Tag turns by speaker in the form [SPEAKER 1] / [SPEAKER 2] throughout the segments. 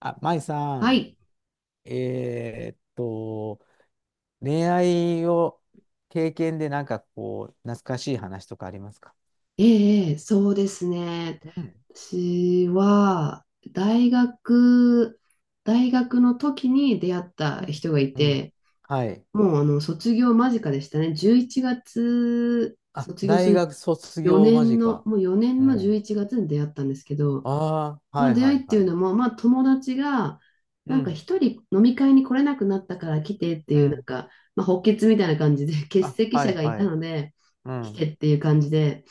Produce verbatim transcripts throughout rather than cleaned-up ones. [SPEAKER 1] あ、舞さ
[SPEAKER 2] は
[SPEAKER 1] ん、
[SPEAKER 2] い。
[SPEAKER 1] えーっと、恋愛を経験でなんかこう、懐かしい話とかありますか？
[SPEAKER 2] ええ、ええ、そうですね。
[SPEAKER 1] うん、
[SPEAKER 2] 私は、大学、大学の時に出会った
[SPEAKER 1] うん、
[SPEAKER 2] 人がい
[SPEAKER 1] うん。
[SPEAKER 2] て、
[SPEAKER 1] はい。
[SPEAKER 2] もうあの卒業間近でしたね。じゅういちがつ、
[SPEAKER 1] あ、
[SPEAKER 2] 卒業す
[SPEAKER 1] 大
[SPEAKER 2] る
[SPEAKER 1] 学卒業
[SPEAKER 2] 4
[SPEAKER 1] 間
[SPEAKER 2] 年の、
[SPEAKER 1] 近。
[SPEAKER 2] もう4
[SPEAKER 1] う
[SPEAKER 2] 年の
[SPEAKER 1] ん。
[SPEAKER 2] じゅういちがつに出会ったんですけど、
[SPEAKER 1] ああ、
[SPEAKER 2] そ
[SPEAKER 1] は
[SPEAKER 2] の
[SPEAKER 1] い
[SPEAKER 2] 出
[SPEAKER 1] は
[SPEAKER 2] 会
[SPEAKER 1] い
[SPEAKER 2] いって
[SPEAKER 1] は
[SPEAKER 2] いう
[SPEAKER 1] い。
[SPEAKER 2] のも、まあ友達が、
[SPEAKER 1] う
[SPEAKER 2] なんか
[SPEAKER 1] ん、
[SPEAKER 2] 一人飲み会に来れなくなったから来てって
[SPEAKER 1] う
[SPEAKER 2] いう、なん
[SPEAKER 1] ん。
[SPEAKER 2] か、まあ、補欠みたいな感じで、欠
[SPEAKER 1] あ、
[SPEAKER 2] 席
[SPEAKER 1] は
[SPEAKER 2] 者
[SPEAKER 1] い
[SPEAKER 2] がい
[SPEAKER 1] は
[SPEAKER 2] た
[SPEAKER 1] い。
[SPEAKER 2] ので、
[SPEAKER 1] う
[SPEAKER 2] 来て
[SPEAKER 1] ん、
[SPEAKER 2] っていう感じで、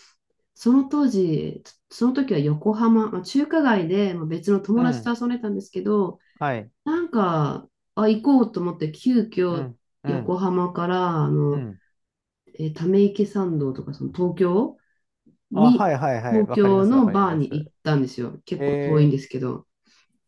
[SPEAKER 2] その当時、その時は横浜、まあ、中華街でまあ別の友
[SPEAKER 1] う
[SPEAKER 2] 達と
[SPEAKER 1] ん、
[SPEAKER 2] 遊んでたんですけど、
[SPEAKER 1] はい。
[SPEAKER 2] なんか、あ、行こうと思って、急
[SPEAKER 1] う
[SPEAKER 2] 遽
[SPEAKER 1] ん、うん、
[SPEAKER 2] 横浜から、あ
[SPEAKER 1] う
[SPEAKER 2] の、
[SPEAKER 1] ん。
[SPEAKER 2] えーため池参道とか、その東京
[SPEAKER 1] あ、
[SPEAKER 2] に、
[SPEAKER 1] はいはいはい。
[SPEAKER 2] 東
[SPEAKER 1] わかりま
[SPEAKER 2] 京
[SPEAKER 1] す、わ
[SPEAKER 2] の
[SPEAKER 1] かり
[SPEAKER 2] バー
[SPEAKER 1] ま
[SPEAKER 2] に行っ
[SPEAKER 1] す。
[SPEAKER 2] たんですよ。結構遠いん
[SPEAKER 1] え
[SPEAKER 2] ですけど。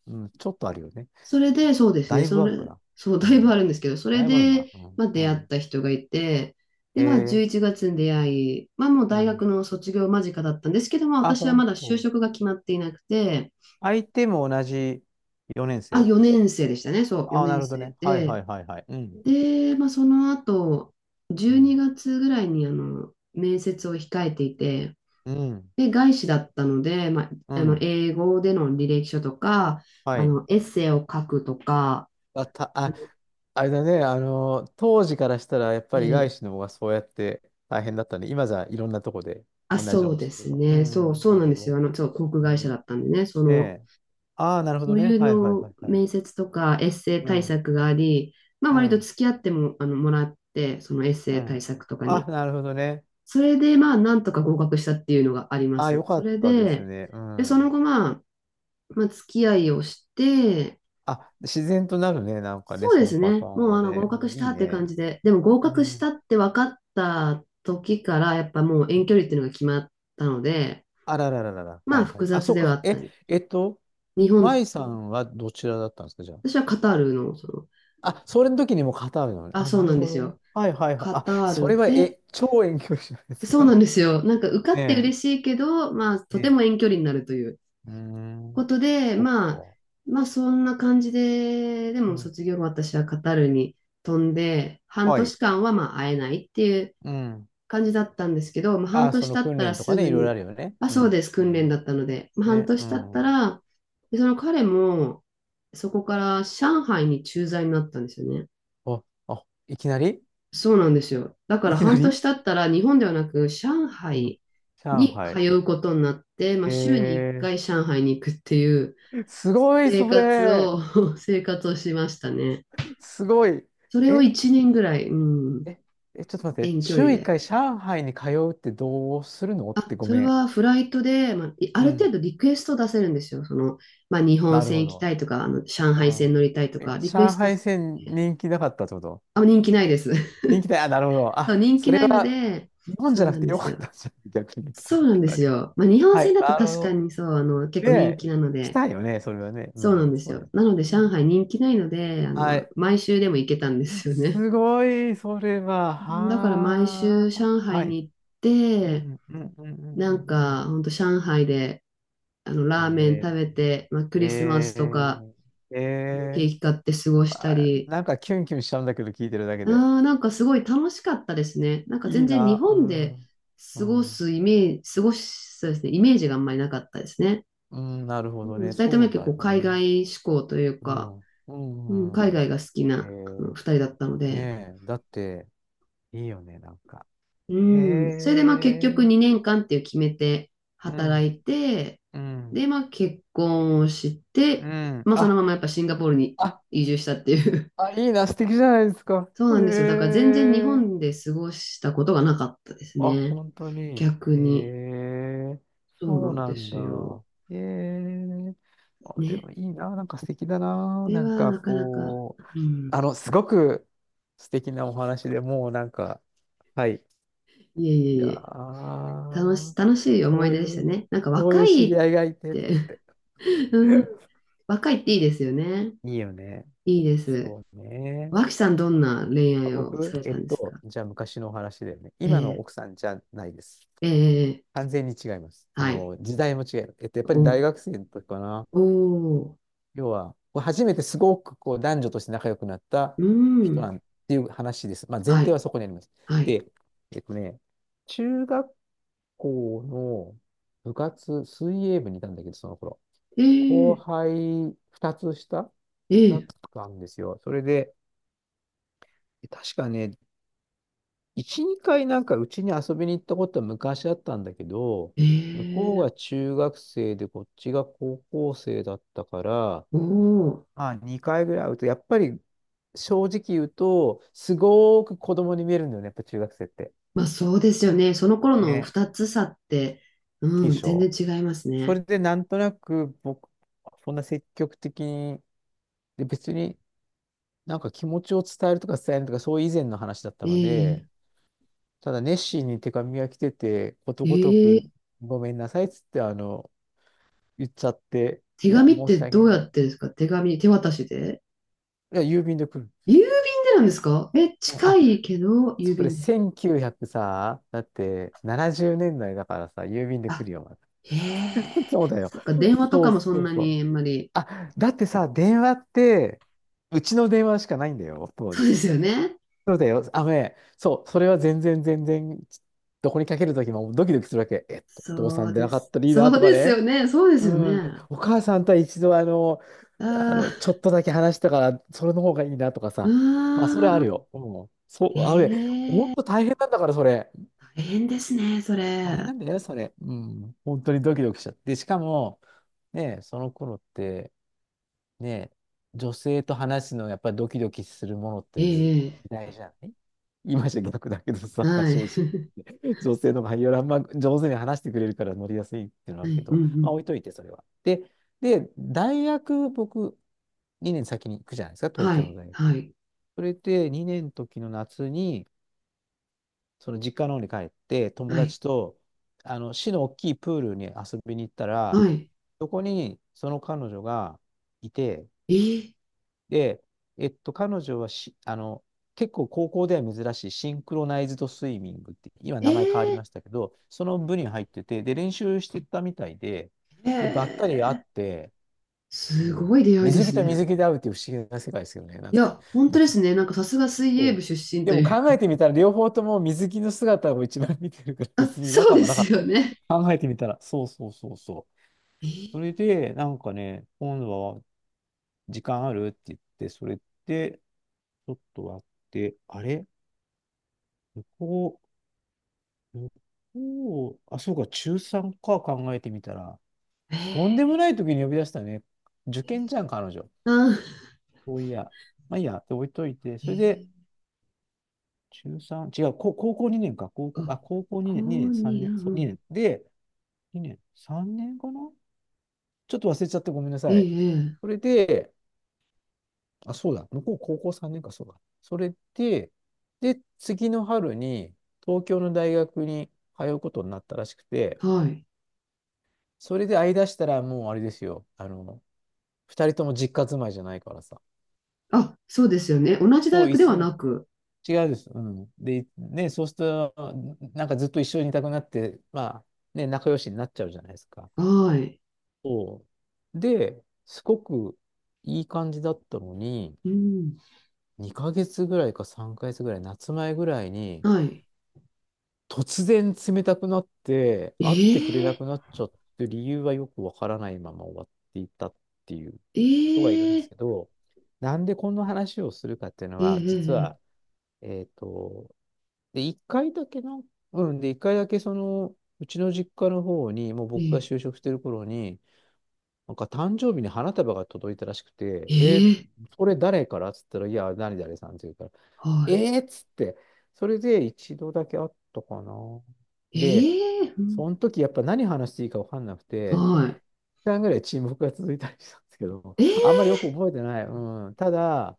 [SPEAKER 1] ー、うん、ちょっとあるよね。
[SPEAKER 2] それで、そうです
[SPEAKER 1] だ
[SPEAKER 2] ね、
[SPEAKER 1] い
[SPEAKER 2] そ
[SPEAKER 1] ぶあるか
[SPEAKER 2] れ、
[SPEAKER 1] ら。
[SPEAKER 2] そう、
[SPEAKER 1] う
[SPEAKER 2] だいぶあ
[SPEAKER 1] ん、
[SPEAKER 2] るんですけど、それ
[SPEAKER 1] だいぶあるな。
[SPEAKER 2] で、
[SPEAKER 1] うん、
[SPEAKER 2] まあ、
[SPEAKER 1] う
[SPEAKER 2] 出会っ
[SPEAKER 1] ん。
[SPEAKER 2] た人がいて、で、まあ、
[SPEAKER 1] ええ、
[SPEAKER 2] じゅういちがつに出会い、まあ、もう
[SPEAKER 1] う
[SPEAKER 2] 大学
[SPEAKER 1] ん。
[SPEAKER 2] の卒業間近だったんですけど、まあ、
[SPEAKER 1] あ、
[SPEAKER 2] 私はま
[SPEAKER 1] 本
[SPEAKER 2] だ就
[SPEAKER 1] 当？
[SPEAKER 2] 職が決まっていなくて、
[SPEAKER 1] 相手も同じよねん
[SPEAKER 2] あ、
[SPEAKER 1] 生？
[SPEAKER 2] よねん生でしたね、そう、
[SPEAKER 1] あ、
[SPEAKER 2] 4
[SPEAKER 1] な
[SPEAKER 2] 年
[SPEAKER 1] るほど
[SPEAKER 2] 生
[SPEAKER 1] ね。はいは
[SPEAKER 2] で、
[SPEAKER 1] いはいはい。うん。
[SPEAKER 2] で、まあ、その後、
[SPEAKER 1] う
[SPEAKER 2] 12
[SPEAKER 1] ん。
[SPEAKER 2] 月ぐらいに、あの、面接を控えていて、
[SPEAKER 1] うん。
[SPEAKER 2] で、外資だったので、まあ、
[SPEAKER 1] う
[SPEAKER 2] あの、
[SPEAKER 1] ん。
[SPEAKER 2] 英語での履歴書とか、
[SPEAKER 1] は
[SPEAKER 2] あ
[SPEAKER 1] い。
[SPEAKER 2] の、エッセイを書くとか、
[SPEAKER 1] あ、た、あ、あれだね。あの、当時からしたら、やっ
[SPEAKER 2] え
[SPEAKER 1] ぱり外
[SPEAKER 2] ー
[SPEAKER 1] 資の方がそうやって大変だったね。今じゃいろんなとこで
[SPEAKER 2] あ、
[SPEAKER 1] 同じの
[SPEAKER 2] そう
[SPEAKER 1] こ
[SPEAKER 2] で
[SPEAKER 1] とだけ
[SPEAKER 2] す
[SPEAKER 1] ど。う
[SPEAKER 2] ね。そう、
[SPEAKER 1] ん。
[SPEAKER 2] そ
[SPEAKER 1] な
[SPEAKER 2] う
[SPEAKER 1] る
[SPEAKER 2] なん
[SPEAKER 1] ほ
[SPEAKER 2] です
[SPEAKER 1] ど。
[SPEAKER 2] よ。あの、そう、航空
[SPEAKER 1] う
[SPEAKER 2] 会
[SPEAKER 1] ん。
[SPEAKER 2] 社
[SPEAKER 1] ね
[SPEAKER 2] だったんでね、その、
[SPEAKER 1] え。ああ、なるほ
[SPEAKER 2] そ
[SPEAKER 1] ど
[SPEAKER 2] う
[SPEAKER 1] ね。
[SPEAKER 2] いう
[SPEAKER 1] はいはいは
[SPEAKER 2] の、
[SPEAKER 1] いはい。
[SPEAKER 2] 面接とかエッセイ
[SPEAKER 1] う
[SPEAKER 2] 対
[SPEAKER 1] ん。
[SPEAKER 2] 策があり、まあ、
[SPEAKER 1] う
[SPEAKER 2] 割と
[SPEAKER 1] ん。
[SPEAKER 2] 付き合っても、あの、もらって、そのエッセ
[SPEAKER 1] う
[SPEAKER 2] イ対
[SPEAKER 1] ん。
[SPEAKER 2] 策とか
[SPEAKER 1] あ、
[SPEAKER 2] に。
[SPEAKER 1] なるほどね。
[SPEAKER 2] それで、まあ、なんとか合格したっていうのがありま
[SPEAKER 1] あ、よ
[SPEAKER 2] す。
[SPEAKER 1] か
[SPEAKER 2] そ
[SPEAKER 1] っ
[SPEAKER 2] れ
[SPEAKER 1] たです
[SPEAKER 2] で、
[SPEAKER 1] ね。う
[SPEAKER 2] で、その
[SPEAKER 1] ん。
[SPEAKER 2] 後、まあ、まあ、付き合いをして、
[SPEAKER 1] あ、自然となるね。なんかね、
[SPEAKER 2] そうで
[SPEAKER 1] その
[SPEAKER 2] す
[SPEAKER 1] パタ
[SPEAKER 2] ね。
[SPEAKER 1] ーン
[SPEAKER 2] もう、
[SPEAKER 1] は
[SPEAKER 2] あの、
[SPEAKER 1] ね。
[SPEAKER 2] 合
[SPEAKER 1] う
[SPEAKER 2] 格し
[SPEAKER 1] ん、い
[SPEAKER 2] た
[SPEAKER 1] い
[SPEAKER 2] って感
[SPEAKER 1] ね。
[SPEAKER 2] じで、でも合
[SPEAKER 1] う
[SPEAKER 2] 格した
[SPEAKER 1] ん。
[SPEAKER 2] って分かった時から、やっぱもう
[SPEAKER 1] う
[SPEAKER 2] 遠距
[SPEAKER 1] ん。
[SPEAKER 2] 離っていうのが決まったので、
[SPEAKER 1] あららららら。は
[SPEAKER 2] まあ、
[SPEAKER 1] いは
[SPEAKER 2] 複
[SPEAKER 1] い。あ、
[SPEAKER 2] 雑
[SPEAKER 1] そう
[SPEAKER 2] で
[SPEAKER 1] か、
[SPEAKER 2] はあ
[SPEAKER 1] そう
[SPEAKER 2] っ
[SPEAKER 1] か。
[SPEAKER 2] た
[SPEAKER 1] え、
[SPEAKER 2] ん
[SPEAKER 1] えっと、
[SPEAKER 2] 日本
[SPEAKER 1] 舞
[SPEAKER 2] と、
[SPEAKER 1] さんはどちらだったんですか、じゃあ？
[SPEAKER 2] 私はカタールの、その、
[SPEAKER 1] あ、それの時にもうカタールなのね。
[SPEAKER 2] あ、
[SPEAKER 1] あ、
[SPEAKER 2] そう
[SPEAKER 1] な
[SPEAKER 2] な
[SPEAKER 1] る
[SPEAKER 2] んで
[SPEAKER 1] ほ
[SPEAKER 2] す
[SPEAKER 1] どね。
[SPEAKER 2] よ。
[SPEAKER 1] はいはいはい。
[SPEAKER 2] カ
[SPEAKER 1] あ、
[SPEAKER 2] ター
[SPEAKER 1] それ
[SPEAKER 2] ル
[SPEAKER 1] は、
[SPEAKER 2] で、
[SPEAKER 1] え、超遠距離じゃないです
[SPEAKER 2] そう
[SPEAKER 1] か。
[SPEAKER 2] なんですよ。なんか受か って
[SPEAKER 1] ね
[SPEAKER 2] 嬉しいけど、まあ、
[SPEAKER 1] え、
[SPEAKER 2] とて
[SPEAKER 1] ね
[SPEAKER 2] も遠距離になるという
[SPEAKER 1] え。うー
[SPEAKER 2] こ
[SPEAKER 1] ん。
[SPEAKER 2] とで、
[SPEAKER 1] そっ
[SPEAKER 2] まあ、
[SPEAKER 1] か。
[SPEAKER 2] まあ、そんな感じで、で
[SPEAKER 1] う
[SPEAKER 2] も
[SPEAKER 1] ん。
[SPEAKER 2] 卒業後私はカタールに飛んで、半
[SPEAKER 1] はい。
[SPEAKER 2] 年間はまあ会えないっていう
[SPEAKER 1] うん。
[SPEAKER 2] 感じだったんですけど、まあ、半
[SPEAKER 1] あ、そ
[SPEAKER 2] 年
[SPEAKER 1] の
[SPEAKER 2] 経っ
[SPEAKER 1] 訓
[SPEAKER 2] たら
[SPEAKER 1] 練とか
[SPEAKER 2] す
[SPEAKER 1] ね、
[SPEAKER 2] ぐ
[SPEAKER 1] いろいろあ
[SPEAKER 2] に、
[SPEAKER 1] るよね。
[SPEAKER 2] あ、
[SPEAKER 1] う
[SPEAKER 2] そう
[SPEAKER 1] ん。
[SPEAKER 2] です、
[SPEAKER 1] う
[SPEAKER 2] 訓練
[SPEAKER 1] ん。
[SPEAKER 2] だったので、まあ、半
[SPEAKER 1] ね。う
[SPEAKER 2] 年経った
[SPEAKER 1] ん。
[SPEAKER 2] ら、でその彼も、そこから上海に駐在になったんですよね。
[SPEAKER 1] あ、あ、いきなり、
[SPEAKER 2] そうなんですよ。だか
[SPEAKER 1] い
[SPEAKER 2] ら
[SPEAKER 1] きな
[SPEAKER 2] 半
[SPEAKER 1] り、
[SPEAKER 2] 年経ったら日本ではなく上
[SPEAKER 1] うん、
[SPEAKER 2] 海
[SPEAKER 1] 上
[SPEAKER 2] に通
[SPEAKER 1] 海。
[SPEAKER 2] うことになって、まあ、週にいっかい
[SPEAKER 1] え
[SPEAKER 2] 上海に行くっていう
[SPEAKER 1] ー、すごい、
[SPEAKER 2] 生
[SPEAKER 1] そ
[SPEAKER 2] 活
[SPEAKER 1] れ。
[SPEAKER 2] を 生活をしましたね。
[SPEAKER 1] すごい。
[SPEAKER 2] それを
[SPEAKER 1] え、
[SPEAKER 2] いちねんぐらい、うん、
[SPEAKER 1] え、え、ちょっと待って。
[SPEAKER 2] 遠距離
[SPEAKER 1] 週1
[SPEAKER 2] で。
[SPEAKER 1] 回上海に通うってどうするのっ
[SPEAKER 2] あ、
[SPEAKER 1] て、ご
[SPEAKER 2] それ
[SPEAKER 1] めん。
[SPEAKER 2] はフライトで、まあ、いあ
[SPEAKER 1] う
[SPEAKER 2] る程
[SPEAKER 1] ん。
[SPEAKER 2] 度リクエスト出せるんですよ。その、まあ、日本
[SPEAKER 1] なる
[SPEAKER 2] 線
[SPEAKER 1] ほ
[SPEAKER 2] 行きた
[SPEAKER 1] ど。
[SPEAKER 2] いとか、あの上
[SPEAKER 1] う
[SPEAKER 2] 海線
[SPEAKER 1] ん。
[SPEAKER 2] 乗りたいと
[SPEAKER 1] え、
[SPEAKER 2] か、リクエ
[SPEAKER 1] 上
[SPEAKER 2] スト出
[SPEAKER 1] 海
[SPEAKER 2] せ
[SPEAKER 1] 線
[SPEAKER 2] るんで、
[SPEAKER 1] 人気なかったってこと？
[SPEAKER 2] あ、人気ないです。
[SPEAKER 1] 人気だ。あ、なるほど。
[SPEAKER 2] そう
[SPEAKER 1] あ、
[SPEAKER 2] 人気
[SPEAKER 1] それ
[SPEAKER 2] ないの
[SPEAKER 1] は
[SPEAKER 2] で、
[SPEAKER 1] 日本じ
[SPEAKER 2] そ
[SPEAKER 1] ゃ
[SPEAKER 2] う
[SPEAKER 1] な
[SPEAKER 2] な
[SPEAKER 1] く
[SPEAKER 2] ん
[SPEAKER 1] て
[SPEAKER 2] で
[SPEAKER 1] よ
[SPEAKER 2] す
[SPEAKER 1] か
[SPEAKER 2] よ。
[SPEAKER 1] ったんじゃん。逆にとか
[SPEAKER 2] そう
[SPEAKER 1] 言、
[SPEAKER 2] なんです
[SPEAKER 1] 何が。
[SPEAKER 2] よ。まあ、日本
[SPEAKER 1] は
[SPEAKER 2] 製
[SPEAKER 1] い、
[SPEAKER 2] だと
[SPEAKER 1] なるほ
[SPEAKER 2] 確か
[SPEAKER 1] ど。
[SPEAKER 2] にそう、あの、結構人気
[SPEAKER 1] で、
[SPEAKER 2] なの
[SPEAKER 1] 来
[SPEAKER 2] で、
[SPEAKER 1] たよね、それはね。う
[SPEAKER 2] そうなん
[SPEAKER 1] ん、
[SPEAKER 2] です
[SPEAKER 1] そうだよ。
[SPEAKER 2] よ。なので、
[SPEAKER 1] う
[SPEAKER 2] 上
[SPEAKER 1] ん。
[SPEAKER 2] 海人気ないので、あ
[SPEAKER 1] は
[SPEAKER 2] の、
[SPEAKER 1] い。
[SPEAKER 2] 毎週でも行けたんですよね。
[SPEAKER 1] すごい、それは、
[SPEAKER 2] だから毎週
[SPEAKER 1] は、
[SPEAKER 2] 上
[SPEAKER 1] あ、
[SPEAKER 2] 海
[SPEAKER 1] はい。
[SPEAKER 2] に行っ
[SPEAKER 1] う
[SPEAKER 2] て、
[SPEAKER 1] ん、うん、うん、う
[SPEAKER 2] なん
[SPEAKER 1] ん、う
[SPEAKER 2] か、
[SPEAKER 1] ん、
[SPEAKER 2] ほんと上海で、あの、
[SPEAKER 1] う
[SPEAKER 2] ラー
[SPEAKER 1] ん。
[SPEAKER 2] メン
[SPEAKER 1] え
[SPEAKER 2] 食べて、まあ、ク
[SPEAKER 1] ー、
[SPEAKER 2] リスマ
[SPEAKER 1] え
[SPEAKER 2] スとか、
[SPEAKER 1] ー、
[SPEAKER 2] ケ
[SPEAKER 1] え
[SPEAKER 2] ーキ
[SPEAKER 1] ー、
[SPEAKER 2] 買って過ごした
[SPEAKER 1] わあ、
[SPEAKER 2] り、
[SPEAKER 1] なんかキュンキュンしちゃうんだけど、聞いてるだけ
[SPEAKER 2] あ
[SPEAKER 1] で。
[SPEAKER 2] ー、なんかすごい楽しかったですね。なんか
[SPEAKER 1] い
[SPEAKER 2] 全
[SPEAKER 1] い
[SPEAKER 2] 然日
[SPEAKER 1] な、う
[SPEAKER 2] 本で
[SPEAKER 1] ん、う
[SPEAKER 2] 過ご
[SPEAKER 1] ん、
[SPEAKER 2] すイメージ、過ごし、そうですね、イメージがあんまりなかったですね。
[SPEAKER 1] うん、なるほど
[SPEAKER 2] うん、二
[SPEAKER 1] ね、
[SPEAKER 2] 人と
[SPEAKER 1] そ
[SPEAKER 2] も
[SPEAKER 1] う
[SPEAKER 2] 結
[SPEAKER 1] だよ
[SPEAKER 2] 構海
[SPEAKER 1] ね。
[SPEAKER 2] 外志向という
[SPEAKER 1] う
[SPEAKER 2] か、
[SPEAKER 1] ん、う
[SPEAKER 2] うん、
[SPEAKER 1] ん、
[SPEAKER 2] 海
[SPEAKER 1] うん。
[SPEAKER 2] 外が好き
[SPEAKER 1] え
[SPEAKER 2] なあの
[SPEAKER 1] ー、
[SPEAKER 2] 二人だったので、
[SPEAKER 1] ねえ、だって、いいよね、なんか。
[SPEAKER 2] う
[SPEAKER 1] へ
[SPEAKER 2] ん、それでまあ結局
[SPEAKER 1] え、
[SPEAKER 2] にねんかんっていう決めて
[SPEAKER 1] う
[SPEAKER 2] 働
[SPEAKER 1] ん、
[SPEAKER 2] いて、
[SPEAKER 1] うん、
[SPEAKER 2] でまあ結婚をし
[SPEAKER 1] う
[SPEAKER 2] て、
[SPEAKER 1] ん。
[SPEAKER 2] まあその
[SPEAKER 1] あ、
[SPEAKER 2] ままやっぱシンガポールに
[SPEAKER 1] あ
[SPEAKER 2] 移住したっていう。
[SPEAKER 1] あ、いいな、素敵じゃないですか。
[SPEAKER 2] そう
[SPEAKER 1] へ
[SPEAKER 2] なんですよ。だから全然日
[SPEAKER 1] え。
[SPEAKER 2] 本で過ごしたことがなかったです
[SPEAKER 1] あ、
[SPEAKER 2] ね。
[SPEAKER 1] 本当に。
[SPEAKER 2] 逆
[SPEAKER 1] へ
[SPEAKER 2] に。
[SPEAKER 1] え。
[SPEAKER 2] そうな
[SPEAKER 1] そう
[SPEAKER 2] ん
[SPEAKER 1] な
[SPEAKER 2] で
[SPEAKER 1] ん
[SPEAKER 2] す
[SPEAKER 1] だ。
[SPEAKER 2] よ。
[SPEAKER 1] へえ。あ、で
[SPEAKER 2] ね。
[SPEAKER 1] もいいな、なんか素敵だな。
[SPEAKER 2] それ
[SPEAKER 1] なん
[SPEAKER 2] は
[SPEAKER 1] か
[SPEAKER 2] なかなか、
[SPEAKER 1] こう、
[SPEAKER 2] うん。
[SPEAKER 1] あの、すごく素敵なお話でもうなんか、はい。
[SPEAKER 2] いえ
[SPEAKER 1] い
[SPEAKER 2] い
[SPEAKER 1] や
[SPEAKER 2] えいえ。楽
[SPEAKER 1] ー、
[SPEAKER 2] し、楽しい
[SPEAKER 1] こ
[SPEAKER 2] 思い
[SPEAKER 1] う
[SPEAKER 2] 出
[SPEAKER 1] い
[SPEAKER 2] でした
[SPEAKER 1] う、
[SPEAKER 2] ね。なんか
[SPEAKER 1] こうい
[SPEAKER 2] 若
[SPEAKER 1] う知り
[SPEAKER 2] いっ
[SPEAKER 1] 合いがいてっ
[SPEAKER 2] て
[SPEAKER 1] て、
[SPEAKER 2] うん、若いっていいですよね。
[SPEAKER 1] いいよね。
[SPEAKER 2] いいです。
[SPEAKER 1] そうね。
[SPEAKER 2] 脇さん、どんな恋
[SPEAKER 1] あ、
[SPEAKER 2] 愛を
[SPEAKER 1] 僕、
[SPEAKER 2] され
[SPEAKER 1] えっ
[SPEAKER 2] たんです
[SPEAKER 1] と、
[SPEAKER 2] か？
[SPEAKER 1] じゃあ昔のお話だよね。
[SPEAKER 2] え
[SPEAKER 1] 今の
[SPEAKER 2] え、
[SPEAKER 1] 奥さんじゃないです。
[SPEAKER 2] ええ、
[SPEAKER 1] 完全に違います。あ
[SPEAKER 2] はい。
[SPEAKER 1] の、時代も違う。えっと、やっぱ
[SPEAKER 2] お、
[SPEAKER 1] り大学生の時かな。
[SPEAKER 2] おー、
[SPEAKER 1] 要は、初めてすごくこう男女として仲良くなった
[SPEAKER 2] う
[SPEAKER 1] 人
[SPEAKER 2] ん、
[SPEAKER 1] なんていう話です。まあ、前
[SPEAKER 2] は
[SPEAKER 1] 提は
[SPEAKER 2] い、
[SPEAKER 1] そこにあります。
[SPEAKER 2] はい。
[SPEAKER 1] で、えっとね、中学校の部活、水泳部にいたんだけど、その頃。
[SPEAKER 2] え
[SPEAKER 1] 後
[SPEAKER 2] え、
[SPEAKER 1] 輩ふたつ下だっ
[SPEAKER 2] え
[SPEAKER 1] たんですよ。それで、確かね、いち、にかいなんかうちに遊びに行ったことは昔あったんだけど、向こう
[SPEAKER 2] え、え
[SPEAKER 1] が
[SPEAKER 2] え、
[SPEAKER 1] 中学生でこっちが高校生だったから、
[SPEAKER 2] お、おー、
[SPEAKER 1] まあ、にかいぐらい会うと、やっぱり正直言うと、すごーく子供に見えるんだよね、やっぱ中学生って。
[SPEAKER 2] まあ、そうですよね。その頃の
[SPEAKER 1] ね、
[SPEAKER 2] ふたつ差って、
[SPEAKER 1] 大きいで
[SPEAKER 2] うん、
[SPEAKER 1] し
[SPEAKER 2] 全然
[SPEAKER 1] ょ。
[SPEAKER 2] 違います
[SPEAKER 1] それ
[SPEAKER 2] ね。
[SPEAKER 1] でなんとなく僕、そんな積極的に、で別になんか気持ちを伝えるとか伝えるとか、そういう以前の話だったの
[SPEAKER 2] え
[SPEAKER 1] で、
[SPEAKER 2] え、
[SPEAKER 1] ただ熱心に手紙が来てて、ことごと
[SPEAKER 2] え
[SPEAKER 1] く、
[SPEAKER 2] え、
[SPEAKER 1] ごめんなさいっつって、あの、言っちゃって、い
[SPEAKER 2] 手
[SPEAKER 1] や、
[SPEAKER 2] 紙っ
[SPEAKER 1] 申し
[SPEAKER 2] て
[SPEAKER 1] 訳
[SPEAKER 2] ど
[SPEAKER 1] な
[SPEAKER 2] うや
[SPEAKER 1] い。
[SPEAKER 2] ってですか？手紙、手渡しで？
[SPEAKER 1] いや、郵便で来る。
[SPEAKER 2] 郵便でなんですか？え、
[SPEAKER 1] うん、
[SPEAKER 2] 近
[SPEAKER 1] あ、
[SPEAKER 2] いけど、郵
[SPEAKER 1] それ
[SPEAKER 2] 便で。
[SPEAKER 1] せんきゅうひゃくさ、だってななじゅうねんだいだいだからさ、郵便で来
[SPEAKER 2] あ、
[SPEAKER 1] るよ。
[SPEAKER 2] へ
[SPEAKER 1] そう
[SPEAKER 2] え。
[SPEAKER 1] だよ。
[SPEAKER 2] そっか、電話と
[SPEAKER 1] そ
[SPEAKER 2] か
[SPEAKER 1] う、
[SPEAKER 2] もそ
[SPEAKER 1] そ
[SPEAKER 2] ん
[SPEAKER 1] う、
[SPEAKER 2] な
[SPEAKER 1] そう。
[SPEAKER 2] にあんまり。
[SPEAKER 1] あ、だってさ、電話って、うちの電話しかないんだよ、当
[SPEAKER 2] そうで
[SPEAKER 1] 時。
[SPEAKER 2] すよね。
[SPEAKER 1] そうだよ。あのね、そう、それは全然、全然、どこにかけるときもドキドキするわけ。えっと、お父さ
[SPEAKER 2] そう
[SPEAKER 1] んで
[SPEAKER 2] で
[SPEAKER 1] なかっ
[SPEAKER 2] す。
[SPEAKER 1] たらいいな
[SPEAKER 2] そ
[SPEAKER 1] と
[SPEAKER 2] う
[SPEAKER 1] か
[SPEAKER 2] ですよ
[SPEAKER 1] ね。
[SPEAKER 2] ね。そうで
[SPEAKER 1] う
[SPEAKER 2] すよ
[SPEAKER 1] ん、
[SPEAKER 2] ね。
[SPEAKER 1] お母さんとは一度あの、あ
[SPEAKER 2] あ
[SPEAKER 1] の、
[SPEAKER 2] あ、
[SPEAKER 1] ちょっとだけ話したから、それの方がいいなとか
[SPEAKER 2] う
[SPEAKER 1] さ。まあ、それあ
[SPEAKER 2] ー
[SPEAKER 1] る
[SPEAKER 2] ん。
[SPEAKER 1] よ。うん。そ
[SPEAKER 2] え
[SPEAKER 1] う、あれ、ほん
[SPEAKER 2] え、
[SPEAKER 1] と大変なんだから、それ。
[SPEAKER 2] 大変ですね、そ
[SPEAKER 1] 大変
[SPEAKER 2] れ。
[SPEAKER 1] なんだよ、それ。うん。本当にドキドキしちゃって。しかも、ね、その頃って、ね、女性と話すの、やっぱりドキドキするものと
[SPEAKER 2] え
[SPEAKER 1] いう時
[SPEAKER 2] え、
[SPEAKER 1] 代じゃない？今じゃ逆だけどさ、
[SPEAKER 2] はい。
[SPEAKER 1] 正 直。女性の概要欄、まあ、上手に話してくれるから乗りやすいっていうのはあ
[SPEAKER 2] は
[SPEAKER 1] るけ
[SPEAKER 2] い、うん
[SPEAKER 1] ど、
[SPEAKER 2] う
[SPEAKER 1] まあ
[SPEAKER 2] ん。
[SPEAKER 1] 置いといて、それは。で、で、大学、僕、にねん先に行くじゃないですか、東
[SPEAKER 2] は
[SPEAKER 1] 京の
[SPEAKER 2] い、
[SPEAKER 1] 大学。
[SPEAKER 2] はい、
[SPEAKER 1] それでにねんの時の夏に、その実家の方に帰って、友
[SPEAKER 2] はい、
[SPEAKER 1] 達と、あの、市の大きいプールに遊びに行ったら、
[SPEAKER 2] はい。
[SPEAKER 1] そこにその彼女がいて、
[SPEAKER 2] ええ、
[SPEAKER 1] で、えっと、彼女はし、あの、結構高校では珍しいシンクロナイズドスイミングって、今
[SPEAKER 2] え
[SPEAKER 1] 名前変わり
[SPEAKER 2] え、
[SPEAKER 1] ましたけど、その部に入ってて、で、練習してたみたいで、
[SPEAKER 2] え
[SPEAKER 1] で、ばったり会
[SPEAKER 2] え、
[SPEAKER 1] って、う
[SPEAKER 2] す
[SPEAKER 1] ん、
[SPEAKER 2] ごい出会いで
[SPEAKER 1] 水着
[SPEAKER 2] す
[SPEAKER 1] と水
[SPEAKER 2] ね。
[SPEAKER 1] 着で会うっていう不思議な世界ですよね、なん
[SPEAKER 2] い
[SPEAKER 1] か。
[SPEAKER 2] や、本当で
[SPEAKER 1] 夏、
[SPEAKER 2] すね。なんかさすが水泳
[SPEAKER 1] そ
[SPEAKER 2] 部
[SPEAKER 1] う。
[SPEAKER 2] 出身
[SPEAKER 1] で
[SPEAKER 2] と
[SPEAKER 1] も
[SPEAKER 2] いう。
[SPEAKER 1] 考えてみたら、両方とも水着の姿を一番見てるから、
[SPEAKER 2] あ、
[SPEAKER 1] 別に違和
[SPEAKER 2] そう
[SPEAKER 1] 感
[SPEAKER 2] で
[SPEAKER 1] はなか
[SPEAKER 2] す
[SPEAKER 1] った。
[SPEAKER 2] よね。
[SPEAKER 1] 考えてみたら、そう、そう、そう、そう。
[SPEAKER 2] え
[SPEAKER 1] そ
[SPEAKER 2] ー、
[SPEAKER 1] れで、なんかね、今度は時間あるって言って、それで、ちょっと割って、あれ向こう、向こう、あ、そうか、中さんか考えてみたら、とんでも
[SPEAKER 2] え
[SPEAKER 1] ない時に呼び出したね。受験じゃん、彼女。
[SPEAKER 2] ー、あ、
[SPEAKER 1] そういや。まあいいや、って置いといて、
[SPEAKER 2] え
[SPEAKER 1] それで、
[SPEAKER 2] ー、
[SPEAKER 1] 中さん、違う、高高校にねんか、高校、
[SPEAKER 2] あ、
[SPEAKER 1] あ、高校
[SPEAKER 2] 高
[SPEAKER 1] にねん、にねん、3
[SPEAKER 2] 二、う
[SPEAKER 1] 年、
[SPEAKER 2] ん
[SPEAKER 1] そ
[SPEAKER 2] う
[SPEAKER 1] う、2
[SPEAKER 2] ん、
[SPEAKER 1] 年。で、にねん、さんねんかな、ちょっと忘れちゃってごめんな
[SPEAKER 2] え
[SPEAKER 1] さ
[SPEAKER 2] え、
[SPEAKER 1] い。
[SPEAKER 2] ええ、
[SPEAKER 1] それで、あ、そうだ、向こう高校さんねんか、そうだ。それで、で、次の春に東京の大学に通うことになったらしくて、
[SPEAKER 2] はい。
[SPEAKER 1] それで会い出したらもうあれですよ、あの、ふたりとも実家住まいじゃないからさ。
[SPEAKER 2] あ、そうですよね。同じ大
[SPEAKER 1] そう、
[SPEAKER 2] 学
[SPEAKER 1] い
[SPEAKER 2] で
[SPEAKER 1] す、
[SPEAKER 2] はなく。
[SPEAKER 1] 違うです。うん。で、ね、そうすると、なんかずっと一緒にいたくなって、まあ、ね、仲良しになっちゃうじゃないですか。
[SPEAKER 2] はい。
[SPEAKER 1] そう。で、すごくいい感じだったのに、
[SPEAKER 2] うん、
[SPEAKER 1] にかげつぐらいかさんかげつぐらい、夏前ぐらいに、
[SPEAKER 2] はい。
[SPEAKER 1] 突然冷たくなって、
[SPEAKER 2] え
[SPEAKER 1] 会ってくれな
[SPEAKER 2] え、
[SPEAKER 1] くなっちゃって、理由はよくわからないまま終わっていったっていう
[SPEAKER 2] え
[SPEAKER 1] 人がいるんです
[SPEAKER 2] え、
[SPEAKER 1] けど、なんでこんな話をするかっていうの
[SPEAKER 2] ええ、
[SPEAKER 1] は、実
[SPEAKER 2] ええ、
[SPEAKER 1] は、えっと、で、いっかいだけな、うん、で、いっかいだけその、うちの実家の方に、もう
[SPEAKER 2] え
[SPEAKER 1] 僕が
[SPEAKER 2] え、
[SPEAKER 1] 就職してる頃に、なんか誕生日に花束が届いたらしく
[SPEAKER 2] え
[SPEAKER 1] て、えー
[SPEAKER 2] え、
[SPEAKER 1] それ誰からっつったら、いや、何々さんって言うから、
[SPEAKER 2] はい。
[SPEAKER 1] えーっつって、それで一度だけあったかな。で、
[SPEAKER 2] ええ、うん、
[SPEAKER 1] その時やっぱ何話していいか分かんなくて、
[SPEAKER 2] はい。
[SPEAKER 1] いちじかんぐらい沈黙が続いたりしたんですけど、
[SPEAKER 2] ええ、
[SPEAKER 1] あんまりよく覚えてない。うん。ただ、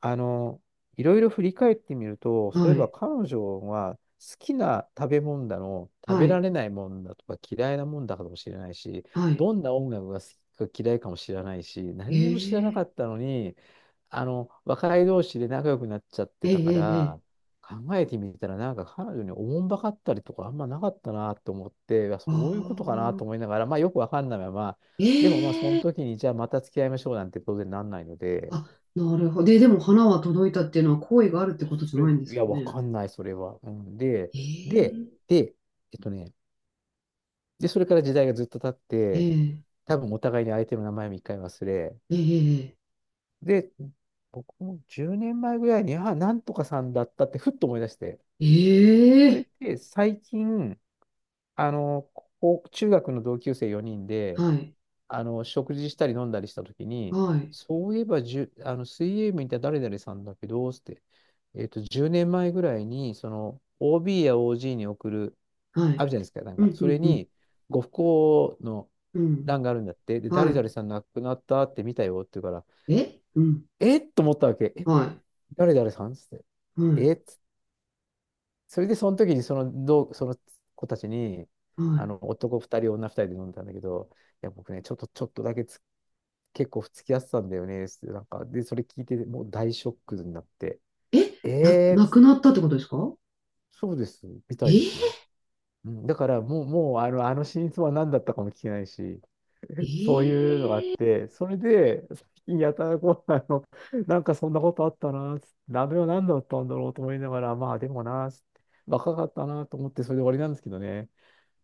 [SPEAKER 1] あの、いろいろ振り返ってみると、そう
[SPEAKER 2] は
[SPEAKER 1] いえば
[SPEAKER 2] い、
[SPEAKER 1] 彼女は好きな食べ物だの、食
[SPEAKER 2] は
[SPEAKER 1] べら
[SPEAKER 2] い、
[SPEAKER 1] れないもんだとか嫌いなもんだかもしれないし、
[SPEAKER 2] はい。
[SPEAKER 1] どんな音楽が好きか嫌いかも知らないし、
[SPEAKER 2] え
[SPEAKER 1] 何にも知らな
[SPEAKER 2] え、
[SPEAKER 1] かったのに、あの、若い同士で仲良くなっちゃっ
[SPEAKER 2] え
[SPEAKER 1] て
[SPEAKER 2] え、え
[SPEAKER 1] たか
[SPEAKER 2] え、え
[SPEAKER 1] ら、
[SPEAKER 2] え、
[SPEAKER 1] 考えてみたらなんか彼女におもんばかったりとかあんまなかったなと思って、いやそ
[SPEAKER 2] あ
[SPEAKER 1] ういうことかなと
[SPEAKER 2] あ、
[SPEAKER 1] 思いながら、まあよくわかんないまま、でもまあ
[SPEAKER 2] え
[SPEAKER 1] そ
[SPEAKER 2] え、
[SPEAKER 1] の時にじゃあまた付き合いましょうなんて当然なんないので、
[SPEAKER 2] あ、なるほど。で、でも花は届いたっていうのは好意があるってことじ
[SPEAKER 1] そ
[SPEAKER 2] ゃな
[SPEAKER 1] れ、
[SPEAKER 2] いんです
[SPEAKER 1] い
[SPEAKER 2] か
[SPEAKER 1] や、わ
[SPEAKER 2] ね？
[SPEAKER 1] かんない、それは。うん、で、で、
[SPEAKER 2] え
[SPEAKER 1] で、えっとね、で、それから時代がずっと経って、
[SPEAKER 2] え、え
[SPEAKER 1] 多分お互いに相手の名前も一回忘れ、
[SPEAKER 2] え、ええ、
[SPEAKER 1] で、僕もじゅうねんまえぐらいに、あ、なんとかさんだったってふっと思い出して、
[SPEAKER 2] えー、
[SPEAKER 1] それっ
[SPEAKER 2] え
[SPEAKER 1] て最近、あの、こう中学の同級生よにん
[SPEAKER 2] ー、
[SPEAKER 1] で、
[SPEAKER 2] はい、
[SPEAKER 1] あの、食事したり飲んだりしたときに、
[SPEAKER 2] はい、
[SPEAKER 1] そういえばじゅ、あの、水泳部にいた誰々さんだけど、つって、えっと、じゅうねんまえぐらいに、その、オービー や オージー に送る、
[SPEAKER 2] は
[SPEAKER 1] あ
[SPEAKER 2] い。
[SPEAKER 1] るじゃないですか、なん
[SPEAKER 2] う
[SPEAKER 1] か、
[SPEAKER 2] ん、う
[SPEAKER 1] それ
[SPEAKER 2] ん、うん、
[SPEAKER 1] に、ご不幸の
[SPEAKER 2] うん、
[SPEAKER 1] 欄があるんだって、で、誰
[SPEAKER 2] は
[SPEAKER 1] 々さん亡くなったって見たよって言うから、
[SPEAKER 2] い。え、うん、
[SPEAKER 1] えっと思ったわけ。え、
[SPEAKER 2] はい、
[SPEAKER 1] 誰々さんつって。
[SPEAKER 2] はい、
[SPEAKER 1] えっつそれで、その時にその、どう、その子たちに、あ
[SPEAKER 2] は
[SPEAKER 1] の、男ふたり、女ふたりで飲んだんだけど、いや、僕ね、ちょっと、ちょっとだけつ結構付き合ってたんだよね、つって、なんか、で、それ聞いて、もう大ショックになって、
[SPEAKER 2] い。え、な、
[SPEAKER 1] えー、
[SPEAKER 2] な
[SPEAKER 1] つ
[SPEAKER 2] くなったってことですか？
[SPEAKER 1] そうです、みたいです
[SPEAKER 2] え
[SPEAKER 1] よ。うん、だからもう、もうあの、あの真相は何だったかも聞けないし、
[SPEAKER 2] え、
[SPEAKER 1] そういうのがあ
[SPEAKER 2] えー
[SPEAKER 1] って、それで、最近やたらこう、あの、なんかそんなことあったな、つって、鍋は何だったんだろうと思いながら、まあでもな、つって若かったなと思って、それで終わりなんですけどね。